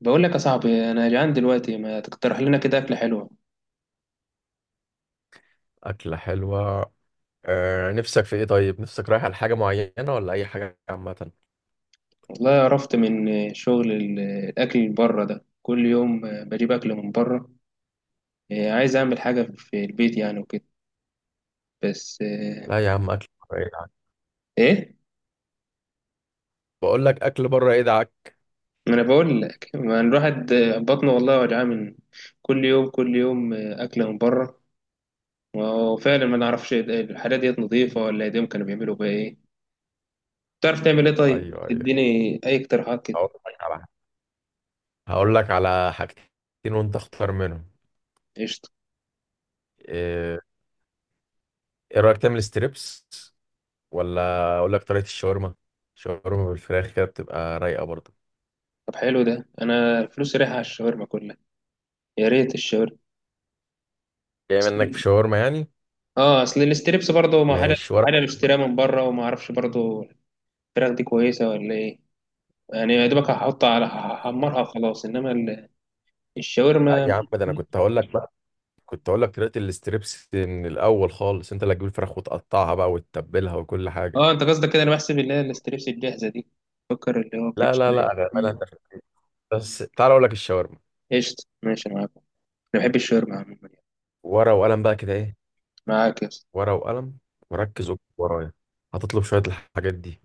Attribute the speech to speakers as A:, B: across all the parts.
A: بقول لك يا صاحبي، انا جعان دلوقتي، ما تقترح لنا كده اكله حلوه؟
B: أكلة حلوة. أه، نفسك في إيه طيب؟ نفسك رايح على حاجة معينة ولا أي حاجة عامة؟
A: والله عرفت من شغل الاكل اللي بره ده، كل يوم بجيب اكل من بره. إيه، عايز اعمل حاجه في البيت يعني وكده. بس إيه.
B: لا يا عم، أكل بره يدعك.
A: إيه؟
B: بقول لك أكل بره يدعك.
A: ما انا بقول لك، ما الواحد بطنه والله وجعان من كل يوم، كل يوم اكله من بره. وفعلا ما نعرفش الحاجات ديت نظيفه، ولا ايديهم كانوا بيعملوا بيها ايه. تعرف تعمل ايه طيب؟
B: أيوه، أيوه.
A: اديني اي اقتراحات كده.
B: هقول لك على هقول لك على حاجتين وأنت اختار منهم.
A: قشطه.
B: إيه إيه رأيك تعمل ستريبس ولا أقول لك طريقة الشاورما؟ شاورما بالفراخ كده بتبقى رايقة برضه.
A: طب حلو، ده انا فلوسي رايحه على الشاورما كلها. يا ريت الشاورما.
B: جاي منك في
A: أصل-
B: شاورما يعني؟
A: اه، اصل الستريبس برضه ما حاجه،
B: مش ورق.
A: حاجه بشتريها من بره وما اعرفش برضه الفراخ دي كويسه ولا ايه. يعني يا دوبك هحطها على هحمرها وخلاص، انما
B: لا يا
A: الشاورما.
B: عم، ده أنا كنت هقول لك طريقة الستريبس من الأول خالص، أنت اللي هتجيب الفراخ وتقطعها بقى وتتبلها وكل حاجة.
A: اه انت قصدك كده، انا بحسب اللي هي الستريبس الجاهزه دي، فكر اللي هو
B: لا لا
A: بتتشتري.
B: لا، أنا- أنت- بس تعال اقول لك الشاورما.
A: قشطه، ماشي معاك. انا بحب الشاورما عموما يعني.
B: ورقه وقلم بقى كده ايه،
A: معاك يا اسطى.
B: ورقه وقلم، وركز واكتب ورايا. هتطلب شويه الحاجات دي.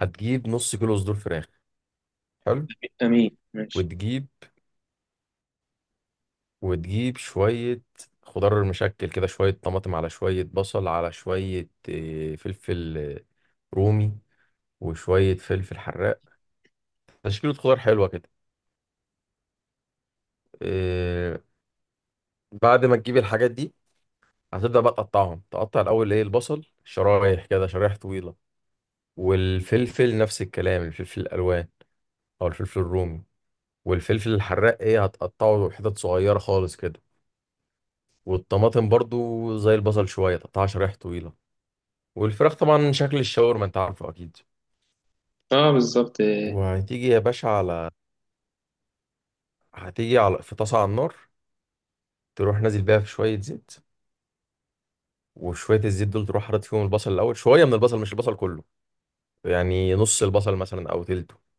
B: هتجيب نص كيلو صدور فراخ. حلو.
A: امين، ماشي.
B: وتجيب وتجيب شويه خضار مشكل كده، شويه طماطم على شويه بصل على شويه فلفل رومي، وشويه فلفل حراق. تشكيله خضار حلوه كده. آه، بعد ما تجيب الحاجات دي هتبدا بقى تقطعهم. تقطع الاول ايه، البصل شرايح كده، شرايح طويله. والفلفل نفس الكلام، الفلفل الالوان او الفلفل الرومي. والفلفل الحراق ايه هتقطعه حتت صغيره خالص كده. والطماطم برضو زي البصل، شويه تقطعها شرايح طويله. والفراخ طبعا شكل الشاورما انت عارفه اكيد.
A: اه بالظبط.
B: وهتيجي يا باشا على، هتيجي على في طاسه على النار، تروح نازل بيها في شويه زيت. وشويه الزيت دول تروح حاطط فيهم البصل الاول، شويه من البصل مش البصل كله، يعني نص البصل مثلا او تلته.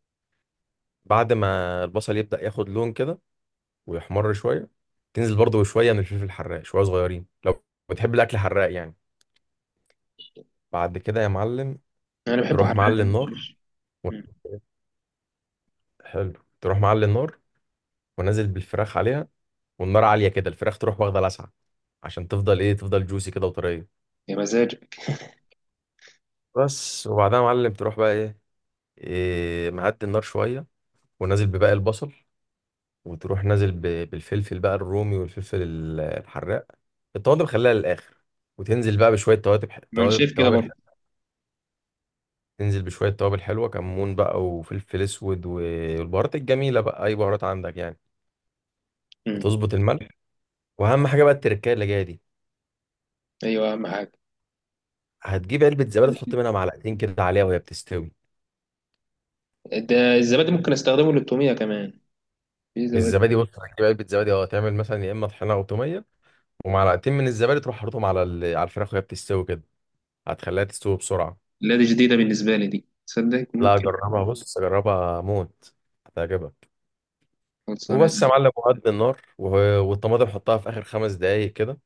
B: بعد ما البصل يبدأ ياخد لون كده ويحمر شويه، تنزل برضه شويه من الفلفل الحراق، شويه صغيرين لو بتحب الاكل حراق يعني. بعد كده يا معلم،
A: انا بحبه
B: تروح
A: حراق.
B: معلي النار و...
A: مم.
B: حلو. تروح معلي النار ونازل بالفراخ عليها. والنار عاليه كده، الفراخ تروح واخده لسعه عشان تفضل ايه، تفضل جوسي كده وطريه.
A: يا مزاجك.
B: بس. وبعدها يا معلم تروح بقى ايه، إيه معدي النار شويه ونازل بباقي البصل، وتروح نازل بالفلفل بقى الرومي والفلفل الحراق. الطماطم خليها للاخر. وتنزل بقى بشويه توابل،
A: ما انا
B: توابل
A: شايف كده
B: توابل،
A: برضه.
B: تنزل بشوية توابل حلوة، كمون بقى وفلفل أسود والبهارات الجميلة بقى أي بهارات عندك يعني.
A: مم.
B: وتظبط الملح. وأهم حاجة بقى التركاية اللي جاية دي.
A: ايوه، اهم حاجه.
B: هتجيب علبة زبادي تحط منها معلقتين كده عليها وهي بتستوي.
A: ده الزبادي ممكن استخدمه للتوميه كمان؟ في زبادي؟
B: الزبادي بص، هتجيب علبة زبادي تعمل مثلا يا إما طحينة أو تومية. ومعلقتين من الزبادي تروح حاططهم على على الفراخ وهي بتستوي كده. هتخليها تستوي بسرعة.
A: لا، دي جديده بالنسبه لي، دي تصدق
B: لا،
A: ممكن.
B: جربها، بص جربها موت، هتعجبك.
A: خلصانه ده.
B: وبس يا معلم، وهد النار والطماطم حطها في آخر 5 دقايق كده.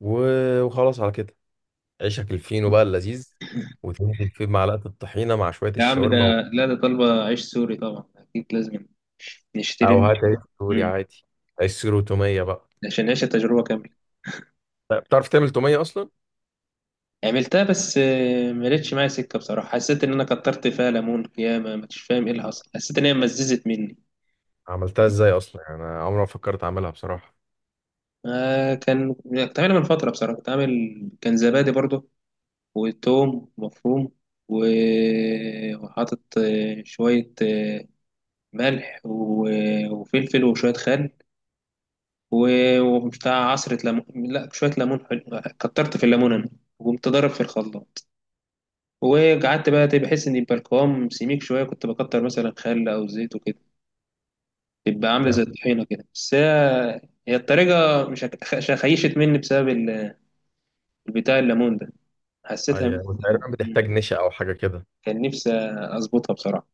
B: وخلاص على كده. عيشك الفينو بقى اللذيذ وتنزل فيه بمعلقة الطحينة مع شوية
A: يا عم ده،
B: الشاورما و...
A: لا ده طالبه عيش سوري طبعا، اكيد لازم
B: أو
A: نشتري.
B: هات عيش سوري
A: مم.
B: عادي. عيش سوري وتومية بقى.
A: عشان نعيش التجربه كامله.
B: لا، بتعرف تعمل تومية أصلا؟
A: عملتها بس ما لقيتش معايا سكه بصراحه، حسيت ان انا كترت فيها ليمون ياما، مش فاهم ايه اللي حصل، حسيت ان هي مززت مني.
B: عملتها إزاي أصلا؟ يعني أنا عمري ما فكرت أعملها بصراحة.
A: آه، كنت عاملها من فتره بصراحه، كنت عامل كان زبادي برضه وتوم مفروم. و- وحاطط شويه، ملح و- وفلفل وشوية خل، و- وبتاع عصرة ليمون. لا شوية ليمون، حلو كترت في الليمون أنا، وقمت ضارب في الخلاط. وقعدت بقى بحس إن يبقى القوام سميك شوية، كنت بكتر مثلا خل أو زيت وكده، تبقى عاملة زي
B: يا
A: الطحينة كده، بس هي هي الطريقة. مش خيشت مني بسبب البتاع الليمون ده، حسيتها
B: أي
A: الأول.
B: تقريبا بتحتاج نشا أو حاجة كده.
A: كان نفسي أظبطها بصراحة.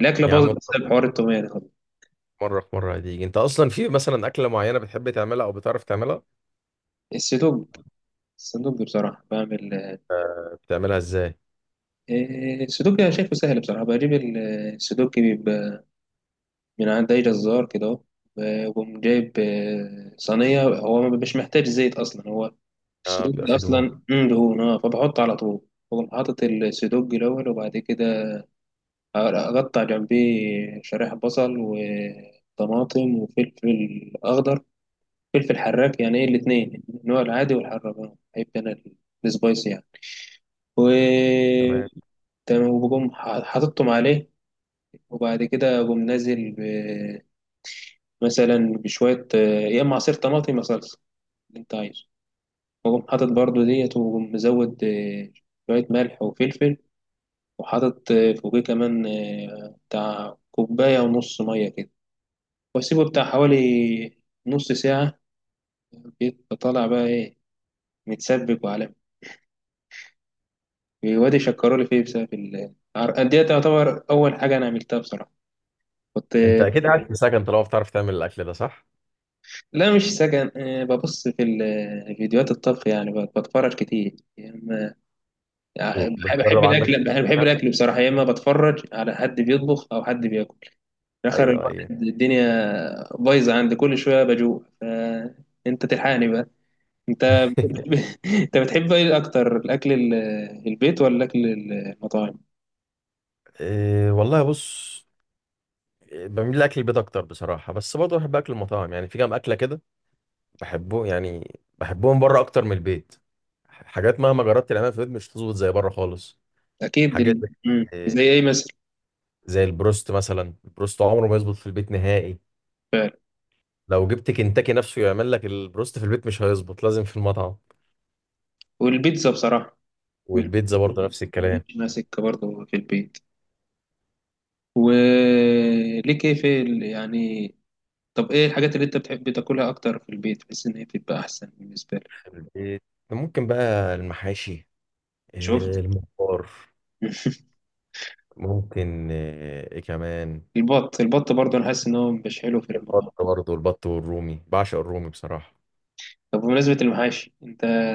A: الأكلة
B: يا
A: باظت
B: عم،
A: بسبب حوار التومية ده.
B: مرة في مرة هتيجي أنت أصلا في مثلا أكلة معينة بتحب تعملها أو بتعرف تعملها؟
A: السدوج. السدوج بصراحة بعمل.
B: آه، بتعملها إزاي؟
A: إيه، السودوكي أنا شايفه سهل بصراحة، بجيب السودوكي بيبقى من عند أي جزار كده، أهو، وأقوم جايب صينية، هو مش محتاج زيت أصلا، هو
B: آه بيبقى
A: السودوكي
B: في دهون.
A: أصلا دهون، فبحط على طول. بقوم حاطط السودوكي الأول، وبعد كده أقطع جنبيه شرايح بصل وطماطم وفلفل أخضر، فلفل حراك يعني، إيه الاتنين، النوع العادي والحراك، بحب أنا السبايسي يعني. و
B: تمام.
A: تمام، وبقوم حاططهم عليه، وبعد كده أقوم نازل مثلا بشوية يا إما عصير طماطم يا صلصة، اللي أنت عايزه، وأقوم حاطط برضو ديت، وأقوم مزود، شوية ملح وفلفل، وحاطط فوقيه كمان، بتاع كوباية ونص مية كده، وأسيبه بتاع حوالي نص ساعة، بيبقى طالع بقى إيه، متسبك وعلم، وادي شكرولي فيه بسبب ديت. تعتبر أول حاجة أنا عملتها بصراحة، كنت
B: أنت أكيد قاعد في سكن طالما بتعرف تعمل الأكل ده صح؟
A: لا مش سكن. ببص في فيديوهات الطبخ يعني، بتفرج كتير يا اما. بحب
B: وبتجرب
A: بحب
B: عندك.
A: الاكل، بحب الاكل بصراحه، يا اما بتفرج على حد بيطبخ او حد بياكل في الاخر،
B: أيوه، أيوه.
A: الواحد الدنيا بايظه عند كل شويه بجوع، فانت تلحقني بقى. انت بت- انت بتحب ايه اكتر، الاكل البيت ولا الاكل المطاعم؟
B: إيه والله، بص، بميل لاكل البيت اكتر بصراحه، بس برضه بحب اكل المطاعم يعني، في كام اكله كده بحبه يعني، بحبهم بره اكتر من البيت. حاجات مهما جربت تعملها في البيت مش هتظبط زي بره خالص.
A: اكيد
B: حاجات زي
A: زي ايه مثلا؟
B: زي البروست مثلا. البروست عمره ما يظبط في البيت نهائي.
A: فعلا.
B: لو جبت كنتاكي نفسه يعمل لك البروست في البيت مش هيظبط، لازم في المطعم.
A: والبيتزا بصراحه،
B: والبيتزا
A: والبيتزا
B: برضه نفس الكلام.
A: ماليش ماسكه برضه في البيت. وليك ايه في يعني؟ طب ايه الحاجات اللي انت بتحب تاكلها اكتر في البيت، بحيث ان هي بتبقى احسن بالنسبه لك؟
B: البيت ممكن بقى المحاشي،
A: شوف.
B: آه، الممبار، ممكن آه، ايه كمان.
A: البط، البط برضه انا حاسس ان هو مش حلو في
B: البط
A: المطبخ.
B: برضه، البط والرومي، بعشق الرومي بصراحه.
A: طب بمناسبه المحاشي، انت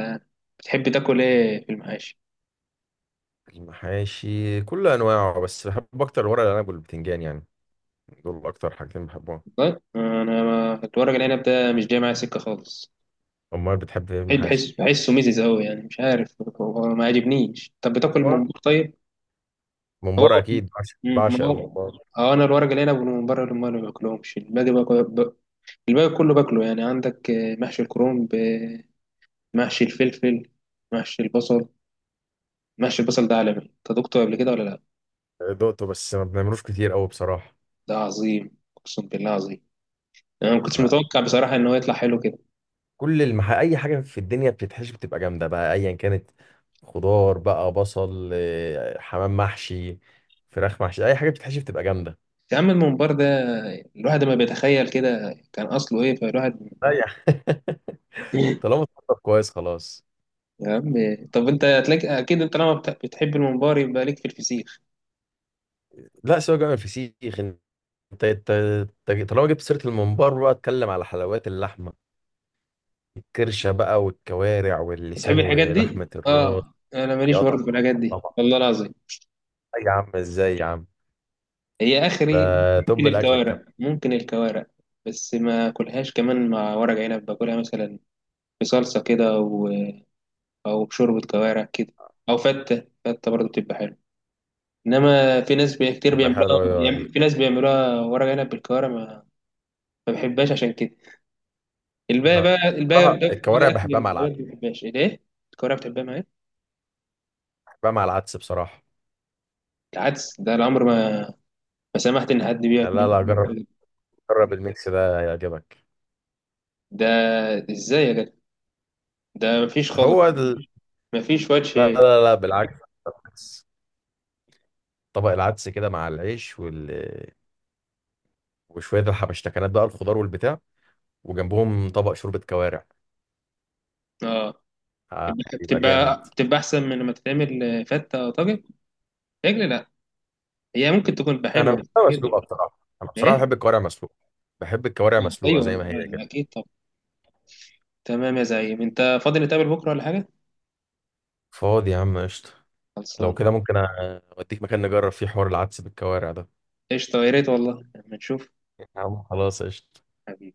A: بتحب تاكل ايه في المحاشي؟
B: المحاشي كل انواعه، بس بحب اكتر الورق العنب والبتنجان يعني، دول اكتر حاجتين بحبهم.
A: والله انا الورق العنب ده مش جاي معايا سكه خالص.
B: امال بتحب ايه المحاشي؟
A: بحسه ميزز قوي يعني، مش عارف هو ما عجبنيش، طب بتاكل
B: هو
A: من بره طيب؟ هو
B: ممبار اكيد، بعشق بعشق
A: ما هو،
B: الممبار.
A: اه انا الورق العنب من بره اللي ما باكلهمش، الباقي الباقي كله باكله يعني، عندك محشي الكرنب، محشي الفلفل، محشي البصل. محشي البصل ده عالمي، انت دقته قبل كده ولا لا؟
B: دقته بس ما بنعملوش كتير قوي بصراحه.
A: ده عظيم، اقسم بالله عظيم، يعني انا ما كنتش
B: لا.
A: متوقع بصراحه ان هو يطلع حلو كده.
B: كل المح... اي حاجه في الدنيا بتتحشي بتبقى جامده بقى ايا كانت. خضار بقى، بصل، آه، حمام محشي، فراخ محشي، اي حاجه بتتحشي بتبقى جامده.
A: يا عم الممبار ده، الواحد ما بيتخيل كده كان اصله ايه، فالواحد
B: لا يعني. طالما اتحطت كويس خلاص.
A: يا عم، طب انت هتلاقي اكيد، انت لما بتحب الممبار يبقى ليك في الفسيخ.
B: لا، سواء جامد الفسيخ. انت انت انت طالما جبت سيره الممبار بقى اتكلم على حلويات اللحمه، الكرشه بقى والكوارع
A: بتحب
B: واللسان
A: الحاجات دي،
B: ولحمه الراس.
A: اه؟ انا
B: يا
A: ماليش برضه في
B: طبعا،
A: الحاجات دي
B: طبعا.
A: والله العظيم.
B: أي يا عم، ازاي يا عم؟
A: هي
B: ده
A: اخري.
B: توب
A: ممكن
B: الاكل الكلام.
A: الكوارع، ممكن الكوارع. بس ما اكلهاش كمان، مع ورق عنب باكلها مثلا، بصلصه كده، او بشوربه كوارع كده، او فته، فته برضه بتبقى حلوه، انما في ناس كتير
B: تبقى
A: بيعملوها،
B: حلوه يا
A: يعني في ناس بيعملوها ورق عنب بالكوارع. ما بحبهاش عشان كده. الباقي
B: لا.
A: بقى الباقي بقى
B: بصراحه
A: بقى اكل.
B: الكوارع
A: الحاجات دي ما بحبهاش ليه؟ الكوارع بتحبها معايا؟
B: بحبها مع العدس بصراحه.
A: العدس ده العمر ما سمحت ان حد
B: لا
A: بياكل.
B: لا، جرب، جرب الميكس ده هيعجبك.
A: ده، ازاي يا جدع؟ ده مفيش خالص،
B: هو ال...
A: مفيش
B: لا
A: وجه.
B: لا لا، بالعكس، بالعكس. طبق العدس كده مع العيش وال... وشويه الحبشتكنات بقى الخضار والبتاع، وجنبهم طبق شوربه كوارع.
A: اه.
B: آه،
A: بتبقى
B: يبقى جامد.
A: بتبقى بتبقى احسن من لما تتعمل فته او طاجن. رجل لا، هي ممكن تكون
B: انا
A: بحلوه بس
B: بحبها
A: كده.
B: مسلوقه بصراحه، انا بصراحه
A: ايه؟
B: بحب الكوارع
A: آه،
B: مسلوقه
A: ايوه
B: زي ما هي
A: آه،
B: كده.
A: اكيد. طب تمام يا زعيم، انت فاضي نتقابل بكره ولا حاجه؟
B: فاضي يا عم قشطه. لو
A: خلصان.
B: كده ممكن اوديك مكان نجرب فيه حوار العدس بالكوارع ده.
A: قشطه، يا ريت والله لما نشوف.
B: يا عم خلاص قشطه.
A: حبيبي.